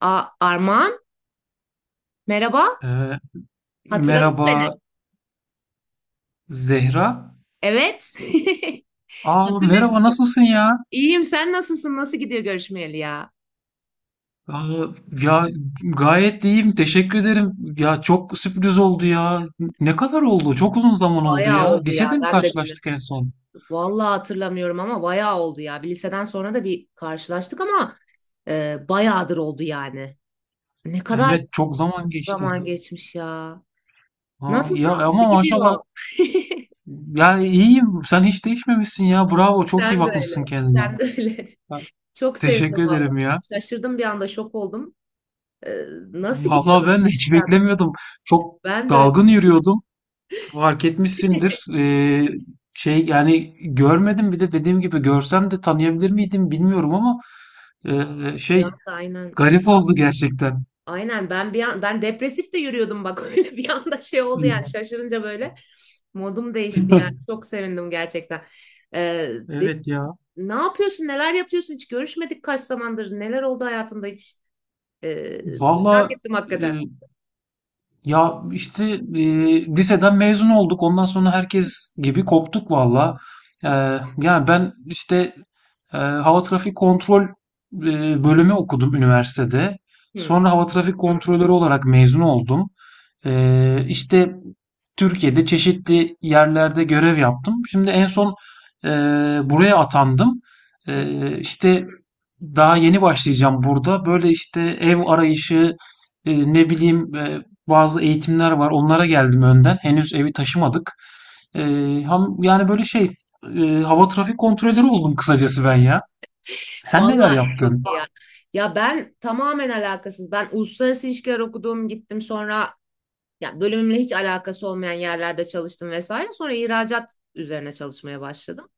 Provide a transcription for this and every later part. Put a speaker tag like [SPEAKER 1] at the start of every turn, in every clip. [SPEAKER 1] A Armağan, merhaba.
[SPEAKER 2] Ee,
[SPEAKER 1] Hatırladın mı beni?
[SPEAKER 2] Merhaba Zehra.
[SPEAKER 1] Evet.
[SPEAKER 2] Aa,
[SPEAKER 1] Hatırlıyor
[SPEAKER 2] merhaba,
[SPEAKER 1] musun?
[SPEAKER 2] nasılsın ya?
[SPEAKER 1] İyiyim. Sen nasılsın? Nasıl gidiyor görüşmeyeli ya?
[SPEAKER 2] Aa, ya, gayet iyiyim, teşekkür ederim. Ya çok sürpriz oldu ya. Ne kadar oldu? Çok uzun zaman oldu
[SPEAKER 1] Bayağı
[SPEAKER 2] ya.
[SPEAKER 1] oldu ya.
[SPEAKER 2] Lisede mi
[SPEAKER 1] Ben de bilmiyorum.
[SPEAKER 2] karşılaştık en son?
[SPEAKER 1] Vallahi hatırlamıyorum ama bayağı oldu ya. Bir liseden sonra da bir karşılaştık ama bayağıdır oldu yani. Ne kadar
[SPEAKER 2] Evet, çok zaman geçti.
[SPEAKER 1] zaman geçmiş ya.
[SPEAKER 2] Aa, ya
[SPEAKER 1] Nasılsın? Nasıl
[SPEAKER 2] ama maşallah.
[SPEAKER 1] gidiyor?
[SPEAKER 2] Yani iyiyim. Sen hiç değişmemişsin ya. Bravo, çok iyi
[SPEAKER 1] Sen de
[SPEAKER 2] bakmışsın
[SPEAKER 1] öyle.
[SPEAKER 2] kendine.
[SPEAKER 1] Sen de öyle.
[SPEAKER 2] Ha.
[SPEAKER 1] Çok
[SPEAKER 2] Teşekkür
[SPEAKER 1] sevindim vallahi.
[SPEAKER 2] ederim ya.
[SPEAKER 1] Şaşırdım bir anda. Şok oldum. E, nasıl
[SPEAKER 2] Vallahi
[SPEAKER 1] gidiyor?
[SPEAKER 2] ben de
[SPEAKER 1] Nasıl
[SPEAKER 2] hiç
[SPEAKER 1] gidiyor?
[SPEAKER 2] beklemiyordum. Çok
[SPEAKER 1] Ben de öyle.
[SPEAKER 2] dalgın yürüyordum. Fark etmişsindir. Şey, yani görmedim, bir de dediğim gibi görsem de tanıyabilir miydim bilmiyorum, ama
[SPEAKER 1] Bir
[SPEAKER 2] şey,
[SPEAKER 1] anda aynen
[SPEAKER 2] garip oldu gerçekten.
[SPEAKER 1] aynen ben bir an ben depresif de yürüyordum bak. Öyle bir anda şey oldu yani şaşırınca böyle modum değişti yani çok sevindim gerçekten. Ee, de-
[SPEAKER 2] Evet ya.
[SPEAKER 1] Ne yapıyorsun, neler yapıyorsun, hiç görüşmedik kaç zamandır, neler oldu hayatında hiç? Ee, Merak
[SPEAKER 2] Valla,
[SPEAKER 1] ettim
[SPEAKER 2] e,
[SPEAKER 1] hakikaten.
[SPEAKER 2] ya işte, liseden mezun olduk. Ondan sonra herkes gibi koptuk valla. E, Yani ben işte, hava trafik kontrol bölümü okudum üniversitede.
[SPEAKER 1] Hı,
[SPEAKER 2] Sonra hava trafik kontrolörü olarak mezun oldum. İşte Türkiye'de çeşitli yerlerde görev yaptım. Şimdi en son eee, buraya atandım.
[SPEAKER 1] hı.
[SPEAKER 2] İşte daha yeni başlayacağım burada. Böyle işte ev arayışı, ne bileyim, bazı eğitimler var. Onlara geldim önden. Henüz evi taşımadık. Yani böyle şey, hava trafik kontrolörü oldum kısacası ben ya. Sen neler
[SPEAKER 1] Vallahi çok
[SPEAKER 2] yaptın?
[SPEAKER 1] iyi ya. Ya ben tamamen alakasız. Ben uluslararası ilişkiler okudum, gittim sonra ya bölümümle hiç alakası olmayan yerlerde çalıştım vesaire. Sonra ihracat üzerine çalışmaya başladım.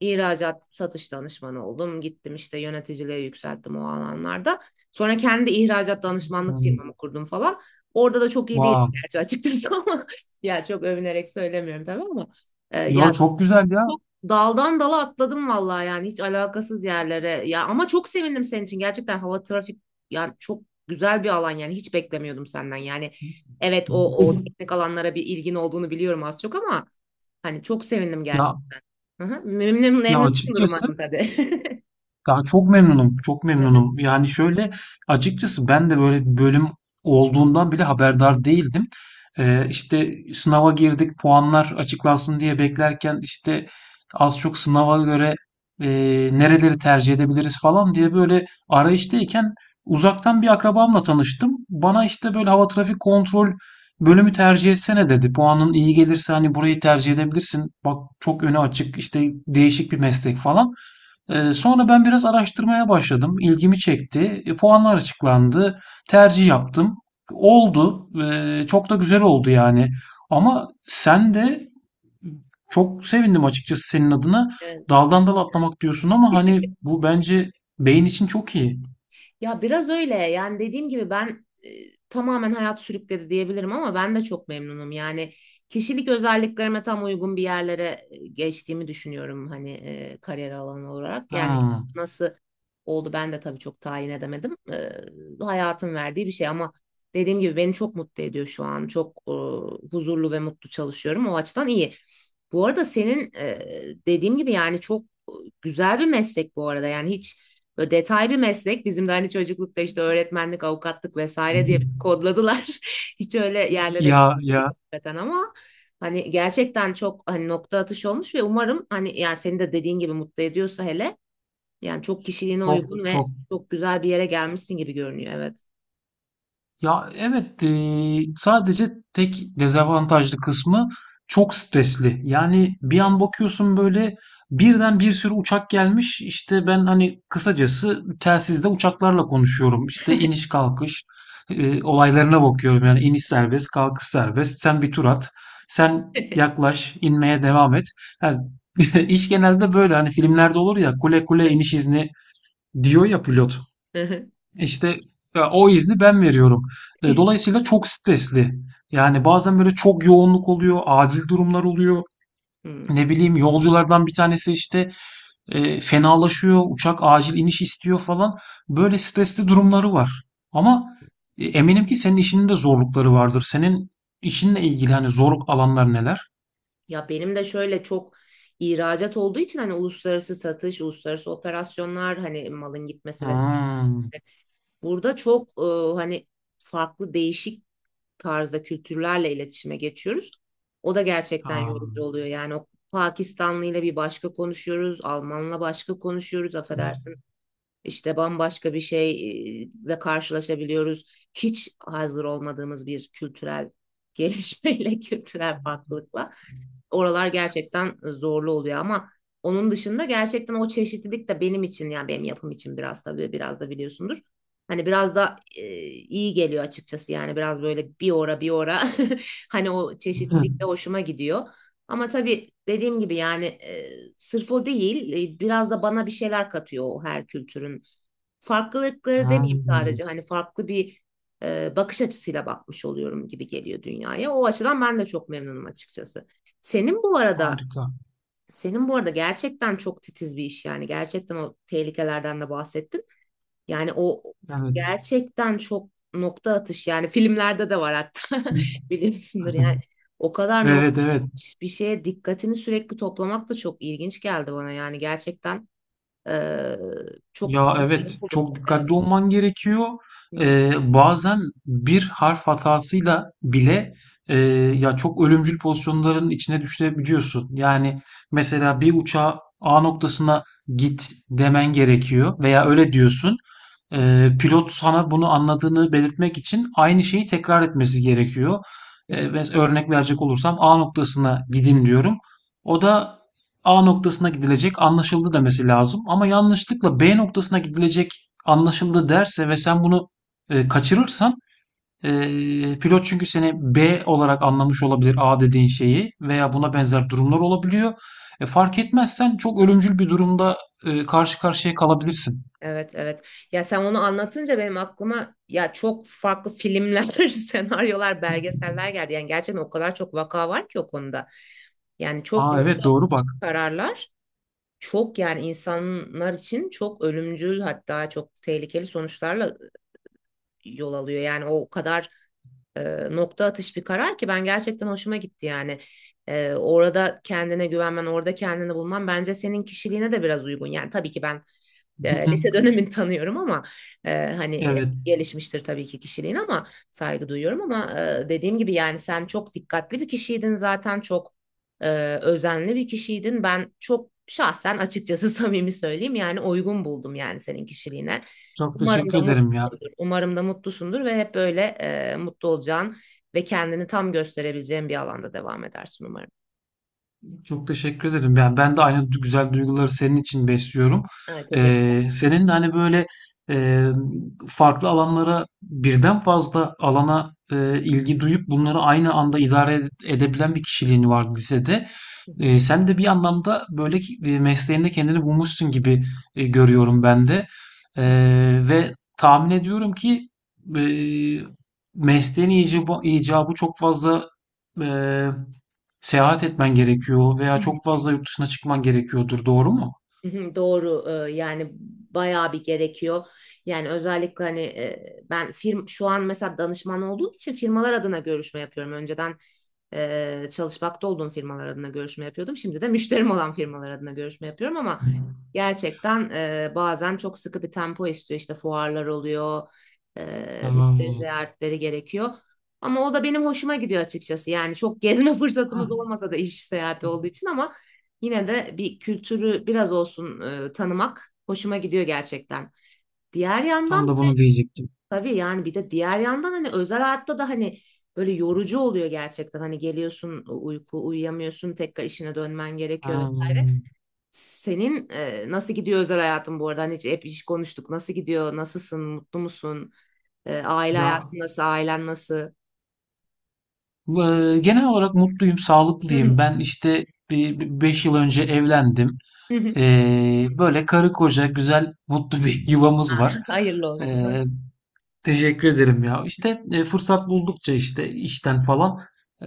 [SPEAKER 1] İhracat satış danışmanı oldum. Gittim işte yöneticiliğe yükselttim o alanlarda. Sonra kendi ihracat danışmanlık
[SPEAKER 2] Hmm.
[SPEAKER 1] firmamı kurdum falan. Orada da çok iyi değildi
[SPEAKER 2] Vay.
[SPEAKER 1] gerçi açıkçası ama ya çok övünerek söylemiyorum tabii ama e, ya
[SPEAKER 2] Ya çok güzel ya.
[SPEAKER 1] çok daldan dala atladım vallahi yani hiç alakasız yerlere. Ya ama çok sevindim senin için. Gerçekten hava trafik yani çok güzel bir alan yani hiç beklemiyordum senden. Yani evet, o teknik alanlara bir ilgin olduğunu biliyorum az çok ama hani çok sevindim
[SPEAKER 2] Ya
[SPEAKER 1] gerçekten. Hı hı. Memnun,
[SPEAKER 2] ya
[SPEAKER 1] memnunsundur
[SPEAKER 2] açıkçası
[SPEAKER 1] umarım tabii.
[SPEAKER 2] daha çok memnunum, çok
[SPEAKER 1] Hı hı.
[SPEAKER 2] memnunum. Yani şöyle, açıkçası ben de böyle bir bölüm olduğundan bile haberdar değildim. İşte sınava girdik, puanlar açıklansın diye beklerken işte, az çok sınava göre e, nereleri tercih edebiliriz falan diye böyle arayıştayken, uzaktan bir akrabamla tanıştım. Bana işte böyle, hava trafik kontrol bölümü tercih etsene, dedi. Puanın iyi gelirse hani burayı tercih edebilirsin. Bak, çok önü açık, işte değişik bir meslek falan. Sonra ben biraz araştırmaya başladım. İlgimi çekti. Puanlar açıklandı. Tercih yaptım. Oldu. Çok da güzel oldu yani. Ama sen de, çok sevindim açıkçası senin adına.
[SPEAKER 1] Evet.
[SPEAKER 2] Daldan dala atlamak diyorsun, ama hani bu bence beyin için çok iyi.
[SPEAKER 1] Ya biraz öyle. Yani dediğim gibi ben tamamen hayat sürükledi diyebilirim ama ben de çok memnunum. Yani kişilik özelliklerime tam uygun bir yerlere geçtiğimi düşünüyorum hani kariyer alanı olarak. Yani
[SPEAKER 2] Hmm.
[SPEAKER 1] nasıl oldu ben de tabii çok tayin edemedim. Hayatın verdiği bir şey ama dediğim gibi beni çok mutlu ediyor şu an. Çok huzurlu ve mutlu çalışıyorum. O açıdan iyi. Bu arada senin dediğim gibi yani çok güzel bir meslek bu arada. Yani hiç böyle detay bir meslek. Bizim de hani çocuklukta işte öğretmenlik, avukatlık vesaire diye kodladılar. Hiç öyle yerlere
[SPEAKER 2] Ya
[SPEAKER 1] gitmedik
[SPEAKER 2] ya
[SPEAKER 1] hakikaten ama hani gerçekten çok hani nokta atışı olmuş ve umarım hani yani senin de dediğin gibi mutlu ediyorsa hele yani çok kişiliğine
[SPEAKER 2] çok
[SPEAKER 1] uygun ve
[SPEAKER 2] çok.
[SPEAKER 1] çok güzel bir yere gelmişsin gibi görünüyor, evet.
[SPEAKER 2] Ya evet, sadece tek dezavantajlı kısmı çok stresli. Yani bir an bakıyorsun, böyle birden bir sürü uçak gelmiş. İşte ben hani kısacası telsizde uçaklarla konuşuyorum. İşte iniş kalkış olaylarına bakıyorum. Yani iniş serbest, kalkış serbest. Sen bir tur at. Sen yaklaş, inmeye devam et. Yani iş genelde böyle, hani filmlerde olur ya, kule kule iniş izni diyor ya pilot. İşte ya, o izni ben veriyorum. Dolayısıyla çok stresli. Yani bazen böyle çok yoğunluk oluyor, acil durumlar oluyor.
[SPEAKER 1] Hmm.
[SPEAKER 2] Ne bileyim, yolculardan bir tanesi işte fenalaşıyor, uçak acil iniş istiyor falan. Böyle stresli durumları var. Ama eminim ki senin işinin de zorlukları vardır. Senin işinle ilgili hani zorluk alanlar neler?
[SPEAKER 1] Ya benim de şöyle çok ihracat olduğu için hani uluslararası satış, uluslararası operasyonlar hani malın gitmesi vesaire.
[SPEAKER 2] Hmm.
[SPEAKER 1] Burada çok hani farklı değişik tarzda kültürlerle iletişime geçiyoruz. O da gerçekten
[SPEAKER 2] Ha.
[SPEAKER 1] yorucu oluyor. Yani o Pakistanlı ile bir başka konuşuyoruz, Almanla başka konuşuyoruz, affedersin işte bambaşka bir şeyle karşılaşabiliyoruz. Hiç hazır olmadığımız bir kültürel gelişmeyle, kültürel farklılıkla. Oralar gerçekten zorlu oluyor ama onun dışında gerçekten o çeşitlilik de benim için yani benim yapım için biraz tabii biraz da biliyorsundur. Hani biraz da iyi geliyor açıkçası yani biraz böyle bir ora bir ora hani o
[SPEAKER 2] Hı.
[SPEAKER 1] çeşitlilik de hoşuma gidiyor. Ama tabii dediğim gibi yani sırf o değil, biraz da bana bir şeyler katıyor o her kültürün farklılıkları demeyeyim
[SPEAKER 2] Hmm.
[SPEAKER 1] sadece hani farklı bir bakış açısıyla bakmış oluyorum gibi geliyor dünyaya. O açıdan ben de çok memnunum açıkçası. Senin bu arada
[SPEAKER 2] Harika.
[SPEAKER 1] senin bu arada gerçekten çok titiz bir iş, yani gerçekten o tehlikelerden de bahsettin. Yani o
[SPEAKER 2] Evet.
[SPEAKER 1] gerçekten çok nokta atış, yani filmlerde de var hatta, biliyorsundur yani. O kadar
[SPEAKER 2] Evet,
[SPEAKER 1] nokta
[SPEAKER 2] evet.
[SPEAKER 1] atış bir şeye dikkatini sürekli toplamak da çok ilginç geldi bana, yani gerçekten e, çok
[SPEAKER 2] Ya
[SPEAKER 1] mutlu
[SPEAKER 2] evet,
[SPEAKER 1] oldum.
[SPEAKER 2] çok
[SPEAKER 1] Evet.
[SPEAKER 2] dikkatli olman gerekiyor.
[SPEAKER 1] Hı hı.
[SPEAKER 2] Bazen bir harf hatasıyla bile e, ya, çok ölümcül pozisyonların içine düşebiliyorsun. Yani mesela bir uçağa A noktasına git demen gerekiyor veya öyle diyorsun.
[SPEAKER 1] Hı
[SPEAKER 2] Pilot sana bunu anladığını belirtmek için aynı şeyi tekrar etmesi gerekiyor.
[SPEAKER 1] hı.
[SPEAKER 2] Örnek verecek olursam, A noktasına gidin diyorum. O da A noktasına gidilecek, anlaşıldı, demesi lazım. Ama yanlışlıkla B noktasına gidilecek, anlaşıldı derse ve sen bunu kaçırırsan, e, pilot, çünkü seni B olarak anlamış olabilir A dediğin şeyi, veya buna benzer durumlar olabiliyor. Fark etmezsen çok ölümcül bir durumda karşı karşıya kalabilirsin.
[SPEAKER 1] Evet evet. Ya sen onu anlatınca benim aklıma ya çok farklı filmler, senaryolar, belgeseller geldi. Yani gerçekten o kadar çok vaka var ki o konuda. Yani çok
[SPEAKER 2] Aa evet,
[SPEAKER 1] nokta
[SPEAKER 2] doğru bak.
[SPEAKER 1] kararlar, çok yani insanlar için çok ölümcül hatta çok tehlikeli sonuçlarla yol alıyor. Yani o kadar nokta atış bir karar ki ben gerçekten hoşuma gitti yani. Orada kendine güvenmen, orada kendini bulman bence senin kişiliğine de biraz uygun. Yani tabii ki ben lise dönemini tanıyorum ama
[SPEAKER 2] Evet.
[SPEAKER 1] gelişmiştir tabii ki kişiliğin ama saygı duyuyorum ama dediğim gibi yani sen çok dikkatli bir kişiydin zaten, çok e, özenli bir kişiydin. Ben çok şahsen açıkçası samimi söyleyeyim yani uygun buldum yani senin kişiliğine.
[SPEAKER 2] Çok
[SPEAKER 1] Umarım
[SPEAKER 2] teşekkür
[SPEAKER 1] da
[SPEAKER 2] ederim ya.
[SPEAKER 1] mutlusundur. Umarım da mutlusundur ve hep böyle mutlu olacağın ve kendini tam gösterebileceğin bir alanda devam edersin umarım.
[SPEAKER 2] Çok teşekkür ederim. Yani ben de aynı güzel duyguları senin için besliyorum.
[SPEAKER 1] Evet, teşekkürler.
[SPEAKER 2] Senin de hani böyle e, farklı alanlara, birden fazla alana ilgi duyup bunları aynı anda idare edebilen bir kişiliğin var lisede.
[SPEAKER 1] Hı hı.
[SPEAKER 2] Sen de bir anlamda böyle mesleğinde kendini bulmuşsun gibi görüyorum ben de. Ve tahmin ediyorum ki e, mesleğin icabı, icabı çok fazla seyahat etmen gerekiyor veya
[SPEAKER 1] Hı.
[SPEAKER 2] çok fazla yurt dışına çıkman gerekiyordur, doğru mu?
[SPEAKER 1] Hı hı, doğru. Yani bayağı bir gerekiyor. Yani özellikle hani e, ben firm şu an mesela danışman olduğum için firmalar adına görüşme yapıyorum. Önceden çalışmakta olduğum firmalar adına görüşme yapıyordum. Şimdi de müşterim olan firmalar adına görüşme yapıyorum ama gerçekten bazen çok sıkı bir tempo istiyor. İşte fuarlar oluyor, müşteri
[SPEAKER 2] Aa,
[SPEAKER 1] ziyaretleri gerekiyor. Ama o da benim hoşuma gidiyor açıkçası. Yani çok gezme fırsatımız
[SPEAKER 2] heh,
[SPEAKER 1] olmasa da iş seyahati olduğu için ama yine de bir kültürü biraz olsun tanımak hoşuma gidiyor gerçekten. Diğer
[SPEAKER 2] tam
[SPEAKER 1] yandan
[SPEAKER 2] da bunu diyecektim.
[SPEAKER 1] tabii yani bir de diğer yandan hani özel hayatta da hani böyle yorucu oluyor gerçekten. Hani geliyorsun uyku uyuyamıyorsun tekrar işine dönmen gerekiyor
[SPEAKER 2] Ha,
[SPEAKER 1] vesaire. Senin nasıl gidiyor özel hayatın bu arada? Hani hiç, hep iş konuştuk. Nasıl gidiyor? Nasılsın? Mutlu musun? Aile
[SPEAKER 2] ya,
[SPEAKER 1] hayatın nasıl? Ailen nasıl?
[SPEAKER 2] genel olarak mutluyum,
[SPEAKER 1] Hı hı,
[SPEAKER 2] sağlıklıyım. Ben işte 5 yıl önce evlendim.
[SPEAKER 1] hı hı.
[SPEAKER 2] Böyle karı koca güzel, mutlu bir yuvamız var.
[SPEAKER 1] Hayırlı olsun.
[SPEAKER 2] E, Teşekkür ederim ya. İşte fırsat buldukça işte işten falan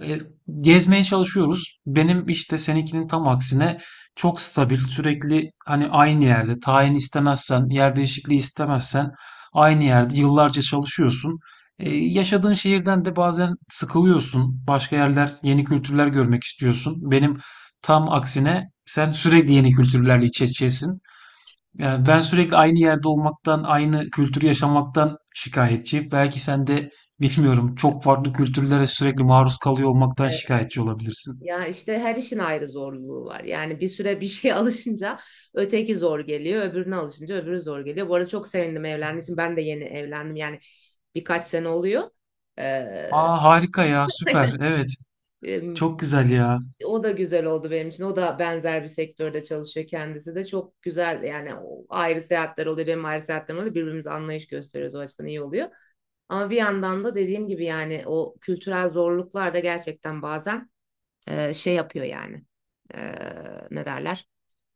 [SPEAKER 2] e, gezmeye çalışıyoruz. Benim işte, seninkinin tam aksine, çok stabil, sürekli hani aynı yerde, tayin istemezsen, yer değişikliği istemezsen, aynı yerde yıllarca çalışıyorsun.
[SPEAKER 1] Hı.
[SPEAKER 2] Yaşadığın şehirden de bazen sıkılıyorsun. Başka yerler, yeni kültürler görmek istiyorsun. Benim tam aksine sen sürekli yeni kültürlerle iç içesin. Yani ben sürekli aynı yerde olmaktan, aynı kültürü yaşamaktan şikayetçi. Belki sen de, bilmiyorum, çok farklı kültürlere sürekli maruz kalıyor olmaktan şikayetçi olabilirsin.
[SPEAKER 1] Ya işte her işin ayrı zorluğu var. Yani bir süre bir şeye alışınca öteki zor geliyor, öbürüne alışınca öbürü zor geliyor. Bu arada çok sevindim evlendiğim için. Ben de yeni evlendim. Yani birkaç sene oluyor. Ee,
[SPEAKER 2] Aa harika ya, süper, evet,
[SPEAKER 1] em,
[SPEAKER 2] çok güzel ya.
[SPEAKER 1] O da güzel oldu benim için. O da benzer bir sektörde çalışıyor kendisi de. Çok güzel yani o ayrı seyahatler oluyor. Benim ayrı seyahatlerim oluyor. Birbirimize anlayış gösteriyoruz. O açıdan iyi oluyor. Ama bir yandan da dediğim gibi yani o kültürel zorluklar da gerçekten bazen şey yapıyor yani. E, Ne derler?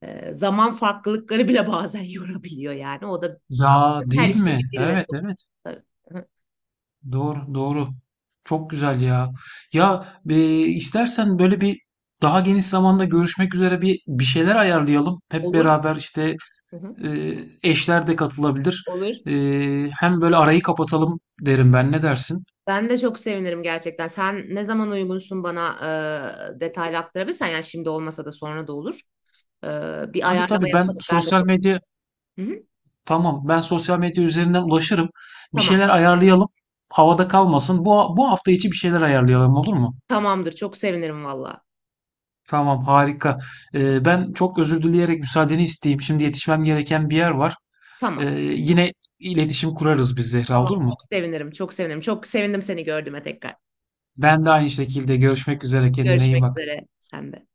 [SPEAKER 1] Zaman farklılıkları bile bazen yorabiliyor yani. O da
[SPEAKER 2] Ya
[SPEAKER 1] her
[SPEAKER 2] değil
[SPEAKER 1] işin
[SPEAKER 2] mi?
[SPEAKER 1] bir dil ve
[SPEAKER 2] Evet, evet,
[SPEAKER 1] tabii. Hı hı.
[SPEAKER 2] doğru, doğru, çok güzel ya. Ya, istersen böyle bir daha geniş zamanda görüşmek üzere bir şeyler ayarlayalım. Hep
[SPEAKER 1] Olur.
[SPEAKER 2] beraber işte.
[SPEAKER 1] Hı hı.
[SPEAKER 2] Ee, Eşler de katılabilir.
[SPEAKER 1] Olur.
[SPEAKER 2] Hem böyle arayı kapatalım derim ben. Ne dersin?
[SPEAKER 1] Ben de çok sevinirim gerçekten. Sen ne zaman uygunsun bana detaylı aktarabilirsen yani şimdi olmasa da sonra da olur. E, Bir
[SPEAKER 2] Tabii,
[SPEAKER 1] ayarlama
[SPEAKER 2] tabii, ben
[SPEAKER 1] yapalım. Ben de
[SPEAKER 2] sosyal
[SPEAKER 1] çok.
[SPEAKER 2] medya
[SPEAKER 1] Hı hı.
[SPEAKER 2] tamam, ben sosyal medya üzerinden ulaşırım. Bir
[SPEAKER 1] Tamam.
[SPEAKER 2] şeyler ayarlayalım. Havada kalmasın. Bu hafta içi bir şeyler ayarlayalım, olur mu?
[SPEAKER 1] Tamamdır. Çok sevinirim valla.
[SPEAKER 2] Tamam, harika. Ben çok özür dileyerek müsaadeni isteyeyim. Şimdi yetişmem gereken bir yer var. Ee,
[SPEAKER 1] Tamam.
[SPEAKER 2] Yine iletişim kurarız biz Zehra,
[SPEAKER 1] Tamam.
[SPEAKER 2] olur
[SPEAKER 1] Çok
[SPEAKER 2] mu?
[SPEAKER 1] sevinirim. Çok sevinirim. Çok sevindim seni gördüğüme tekrar.
[SPEAKER 2] Ben de aynı şekilde, görüşmek üzere. Kendine iyi
[SPEAKER 1] Görüşmek
[SPEAKER 2] bak.
[SPEAKER 1] üzere. Sen de.